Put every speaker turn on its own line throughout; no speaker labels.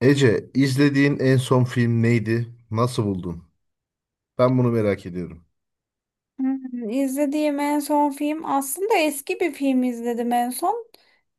Ece, izlediğin en son film neydi? Nasıl buldun? Ben bunu merak ediyorum.
Hmm, İzlediğim en son film aslında eski bir film izledim en son.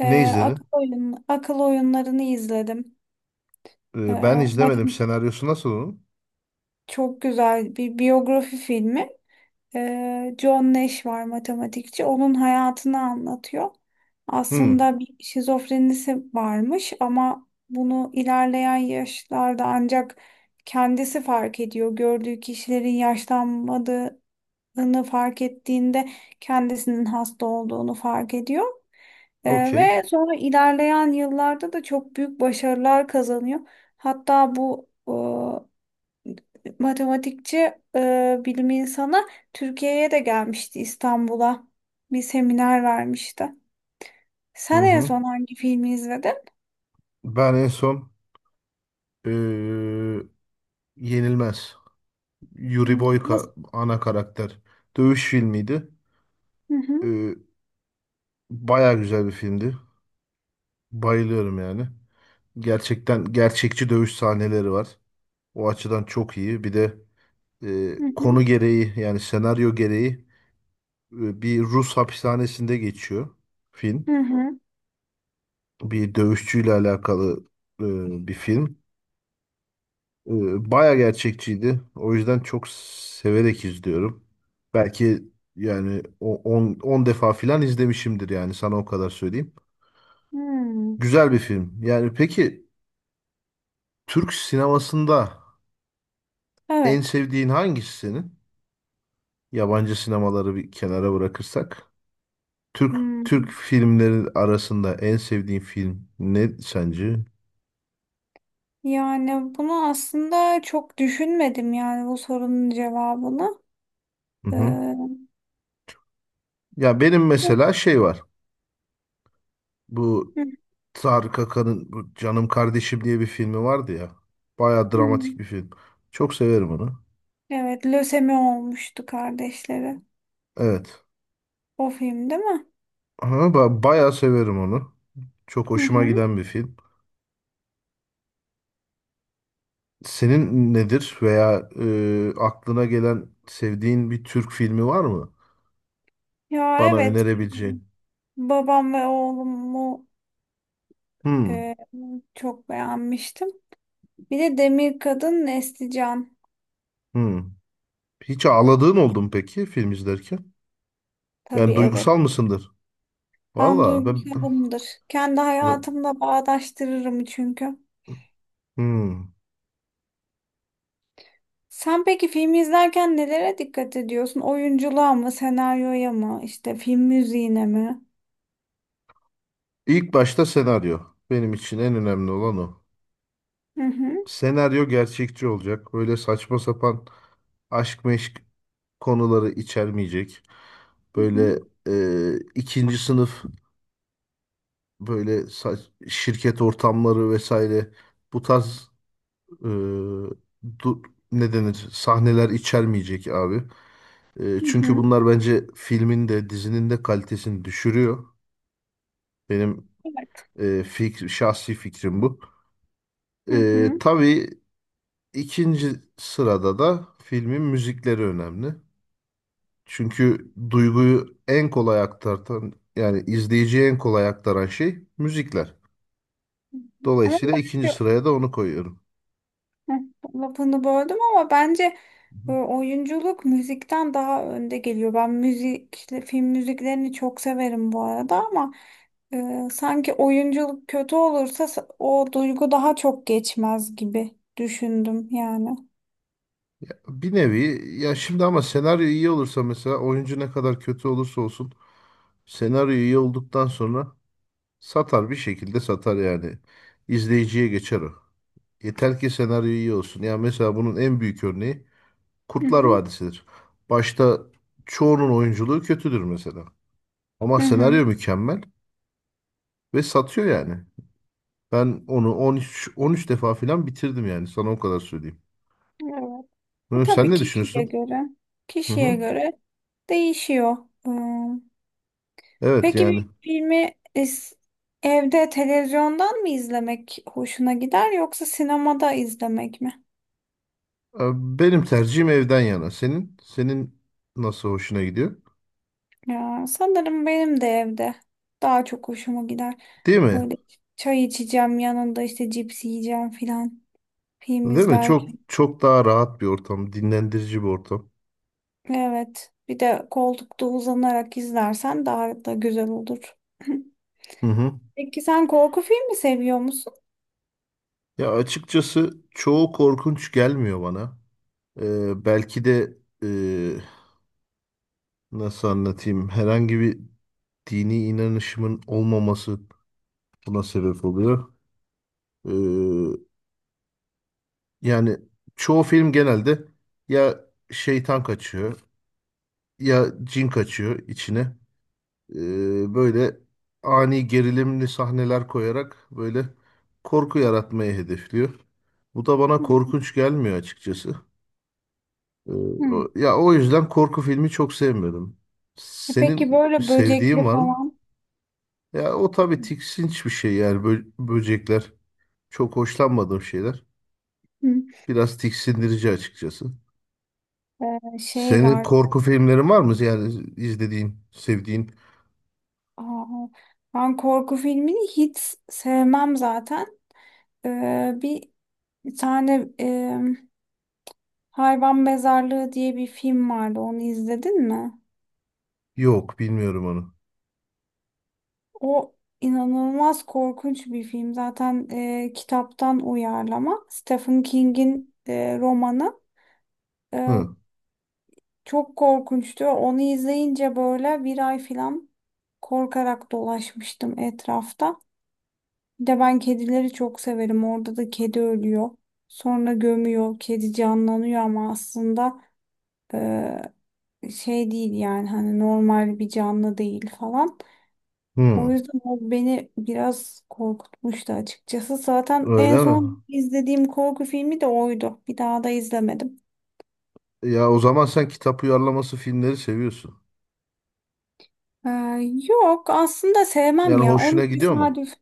Ee,
Ne izledin?
akıl oyunlarını izledim.
Ben izlemedim.
Bakın
Senaryosu nasıl onun?
çok güzel bir biyografi filmi. John Nash var matematikçi. Onun hayatını anlatıyor.
Hmm,
Aslında bir şizofrenisi varmış ama bunu ilerleyen yaşlarda ancak kendisi fark ediyor. Gördüğü kişilerin yaşlanmadığı hastalandığını fark ettiğinde kendisinin hasta olduğunu fark ediyor.
okey.
Ve sonra ilerleyen yıllarda da çok büyük başarılar kazanıyor. Hatta bu matematikçi, bilim insanı Türkiye'ye de gelmişti, İstanbul'a. Bir seminer vermişti.
Hı
Sen en
hı.
son hangi filmi izledin?
Ben en son ee, Yenilmez. Yuri
Hmm.
Boyka
Nasıl?
ana karakter. Dövüş filmiydi.
Hı hı,
Ee, baya güzel bir filmdi. Bayılıyorum yani. Gerçekten gerçekçi dövüş sahneleri var. O açıdan çok iyi. Bir de
hı hı,
konu gereği yani senaryo gereği bir Rus hapishanesinde geçiyor film.
hı hı,
Bir dövüşçüyle alakalı bir film. E, baya gerçekçiydi. O yüzden çok severek izliyorum. Belki yani 10 defa filan izlemişimdir yani sana o kadar söyleyeyim.
hı.
Güzel bir film. Yani peki Türk sinemasında en
Evet.
sevdiğin hangisi senin? Yabancı sinemaları bir kenara bırakırsak. Türk Türk
Hmm.
filmleri arasında en sevdiğin film ne sence?
Yani bunu aslında çok düşünmedim yani bu sorunun cevabını.
Hı
Ee,
hı. Ya benim
Hı,
mesela şey var. Bu
hı,
Tarık Akan'ın bu Canım Kardeşim diye bir filmi vardı ya. Baya
hı.
dramatik bir film. Çok severim onu.
Evet, lösemi olmuştu kardeşleri.
Evet.
O film değil mi?
Ama bayağı severim onu. Çok
Hı
hoşuma
hı.
giden bir film. Senin nedir veya aklına gelen sevdiğin bir Türk filmi var mı?
Ya
Bana
evet.
önerebileceğin.
Babam ve Oğlumu
Hmm,
e, çok beğenmiştim. Bir de Demir Kadın Nesli Can.
hmm. Hiç ağladığın oldu mu peki film izlerken?
Tabii
Yani
evet.
duygusal mısındır?
Ben
Valla ben...
duygusalımdır. Kendi hayatımla bağdaştırırım çünkü.
Hmm.
Sen peki filmi izlerken nelere dikkat ediyorsun? Oyunculuğa mı, senaryoya mı, işte film müziğine mi?
İlk başta senaryo. Benim için en önemli olan o.
Hı hı,
Senaryo gerçekçi olacak. Böyle saçma sapan aşk meşk konuları içermeyecek.
hı
Böyle
hı,
ikinci sınıf böyle şirket ortamları vesaire bu tarz e, du- ne denir sahneler içermeyecek abi.
hı
Çünkü
hı.
bunlar bence filmin de dizinin de kalitesini düşürüyor. Benim
Evet.
şahsi fikrim bu.
Hı hı.
Tabii İkinci sırada da filmin müzikleri önemli. Çünkü duyguyu en kolay aktartan yani izleyiciye en kolay aktaran şey müzikler.
Hı hı. Ama
Dolayısıyla ikinci
bence
sıraya da onu koyuyorum.
hı, lafını böldüm ama bence
Hı hı.
oyunculuk müzikten daha önde geliyor. Ben müzik, işte film müziklerini çok severim bu arada ama sanki oyunculuk kötü olursa o duygu daha çok geçmez gibi düşündüm yani.
Bir nevi ya şimdi ama senaryo iyi olursa mesela oyuncu ne kadar kötü olursa olsun senaryo iyi olduktan sonra satar bir şekilde satar yani. İzleyiciye geçer o. Yeter ki senaryo iyi olsun. Ya mesela bunun en büyük örneği
Hı
Kurtlar
hı.
Vadisi'dir. Başta çoğunun oyunculuğu kötüdür mesela. Ama
Hı hı.
senaryo mükemmel ve satıyor yani. Ben onu 13 defa falan bitirdim yani sana o kadar söyleyeyim.
Evet.
Hı, sen
Tabii
ne
kişiye
düşünüyorsun?
göre
Hı
kişiye
hı.
göre değişiyor. Hmm.
Evet
Peki
yani.
bir evde televizyondan mı izlemek hoşuna gider yoksa sinemada izlemek mi?
E, Benim tercihim evden yana. Senin nasıl hoşuna gidiyor?
Ya, sanırım benim de evde daha çok hoşuma gider.
Değil mi?
Böyle çay içeceğim yanında işte cips yiyeceğim filan film
Değil mi? Çok
izlerken.
çok daha rahat bir ortam, dinlendirici bir ortam.
Evet bir de koltukta uzanarak izlersen daha da güzel olur.
Hı hı.
Peki sen korku filmi seviyor musun?
Ya açıkçası çoğu korkunç gelmiyor bana. Belki de nasıl anlatayım? Herhangi bir dini inanışımın olmaması buna sebep oluyor. Ee, yani çoğu film genelde ya şeytan kaçıyor ya cin kaçıyor içine. Böyle ani gerilimli sahneler koyarak böyle korku yaratmayı hedefliyor. Bu da bana korkunç gelmiyor açıkçası. Ee,
Hı.
ya o yüzden korku filmi çok sevmiyorum.
E peki
Senin
böyle
sevdiğin
böcekli
var mı?
falan
Ya o tabii tiksinç bir şey yani böcekler. Çok hoşlanmadığım şeyler.
hı.
Biraz tiksindirici açıkçası.
Şey
Senin
var.
korku filmlerin var mı? Yani izlediğin, sevdiğin?
Aa, ben korku filmini hiç sevmem zaten. Bir tane Hayvan Mezarlığı diye bir film vardı. Onu izledin mi?
Yok, bilmiyorum onu.
O inanılmaz korkunç bir film. Zaten kitaptan uyarlama. Stephen King'in romanı. E,
Hı.
Çok korkunçtu. Onu izleyince böyle bir ay falan korkarak dolaşmıştım etrafta. Bir de ben kedileri çok severim. Orada da kedi ölüyor. Sonra gömüyor. Kedi canlanıyor ama aslında e, şey değil yani hani normal bir canlı değil falan. O
Hı.
yüzden o beni biraz korkutmuştu açıkçası. Zaten en
Öyle mi?
son izlediğim korku filmi de oydu. Bir daha da izlemedim.
Ya o zaman sen kitap uyarlaması filmleri seviyorsun.
Ee, Yok aslında sevmem
Yani
ya.
hoşuna
Onu
gidiyor mu?
tesadüf.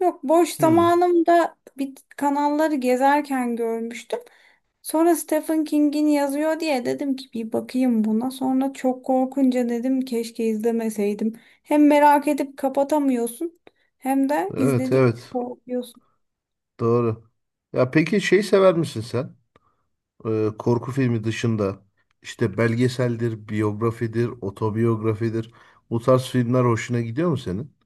Yok boş
Hı.
zamanımda bir kanalları gezerken görmüştüm. Sonra Stephen King'in yazıyor diye dedim ki bir bakayım buna. Sonra çok korkunca dedim keşke izlemeseydim. Hem merak edip kapatamıyorsun hem de
Evet,
izledik
evet.
korkuyorsun.
Doğru. Ya peki şey sever misin sen? Korku filmi dışında işte belgeseldir, biyografidir, otobiyografidir. Bu tarz filmler hoşuna gidiyor mu senin?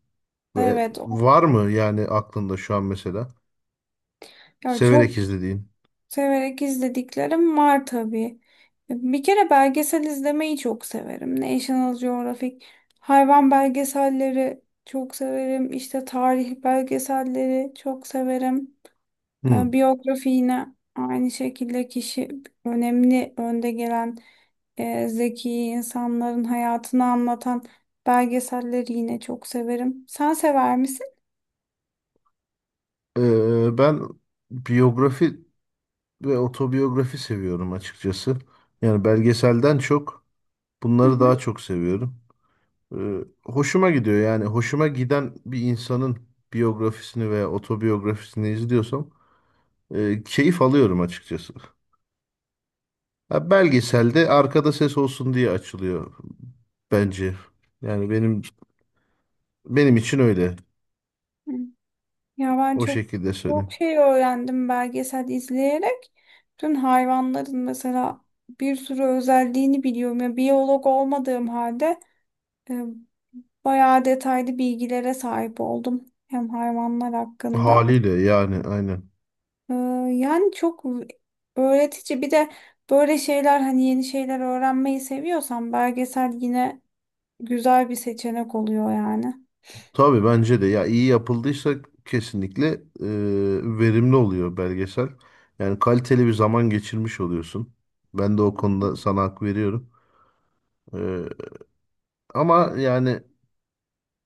Ve
Evet,
var mı yani aklında şu an mesela
ya çok
severek izlediğin?
severek izlediklerim var tabii. Bir kere belgesel izlemeyi çok severim. National Geographic, hayvan belgeselleri çok severim. İşte tarih belgeselleri çok severim.
Hmm.
Biyografi yine aynı şekilde kişi önemli önde gelen zeki insanların hayatını anlatan belgeselleri yine çok severim. Sen sever misin?
Ben biyografi ve otobiyografi seviyorum açıkçası. Yani belgeselden çok bunları
Hı
daha çok seviyorum. Ee, hoşuma gidiyor yani hoşuma giden bir insanın biyografisini veya otobiyografisini izliyorsam keyif alıyorum açıkçası. Ya belgeselde arkada ses olsun diye açılıyor bence. Yani benim için öyle.
hı. Ya ben
O
çok
şekilde
çok
söyleyeyim.
şey öğrendim belgesel izleyerek. Bütün hayvanların mesela bir sürü özelliğini biliyorum. Ya biyolog olmadığım halde e, bayağı detaylı bilgilere sahip oldum hem hayvanlar hakkında.
Haliyle yani aynen.
E, Yani çok öğretici. Bir de böyle şeyler hani yeni şeyler öğrenmeyi seviyorsan belgesel yine güzel bir seçenek oluyor yani.
Tabii bence de ya iyi yapıldıysa kesinlikle verimli oluyor belgesel. Yani kaliteli bir zaman geçirmiş oluyorsun. Ben de o konuda sana hak veriyorum. E, ama yani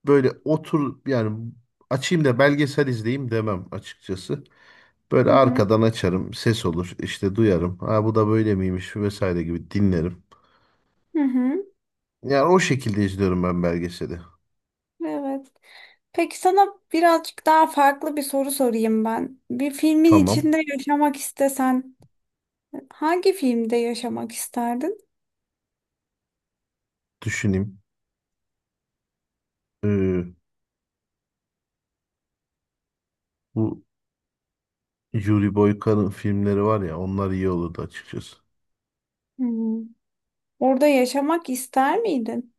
böyle otur yani açayım da belgesel izleyeyim demem açıkçası. Böyle
Hı hı.
arkadan açarım, ses olur, işte duyarım. Ha bu da böyle miymiş vesaire gibi dinlerim.
Hı hı.
Yani o şekilde izliyorum ben belgeseli.
Evet. Peki sana birazcık daha farklı bir soru sorayım ben. Bir filmin
Tamam,
içinde yaşamak istesen hangi filmde yaşamak isterdin?
düşüneyim. Ee, bu Yuri Boyka'nın filmleri var ya, onlar iyi olurdu açıkçası.
Hmm. Orada yaşamak ister miydin?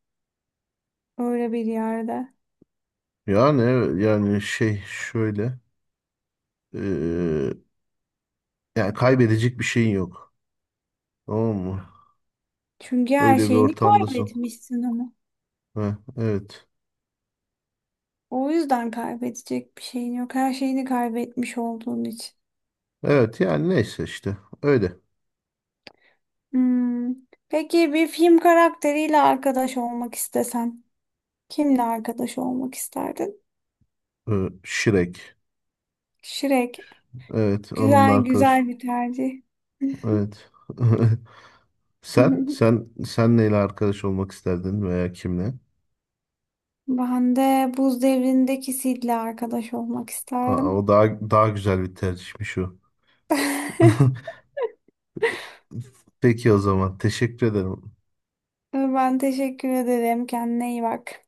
Öyle bir yerde.
Yani evet, yani şey şöyle, ee, yani kaybedecek bir şeyin yok. Tamam mı?
Çünkü her
Öyle bir
şeyini
ortamdasın.
kaybetmişsin ama.
Heh, evet.
O yüzden kaybedecek bir şeyin yok. Her şeyini kaybetmiş olduğun için.
Evet yani neyse işte öyle.
Hmm. Peki bir film karakteriyle arkadaş olmak istesen, kimle arkadaş olmak isterdin?
Shrek.
Shrek.
Evet onun
Güzel
arkadaşı.
güzel bir tercih.
Evet. Sen, sen, sen neyle arkadaş olmak isterdin veya kimle?
Ben de buz devrindeki Sid'le arkadaş olmak
Aa, o
isterdim.
daha güzel bir tercihmiş o. Peki o zaman teşekkür ederim
Ben teşekkür ederim. Kendine iyi bak.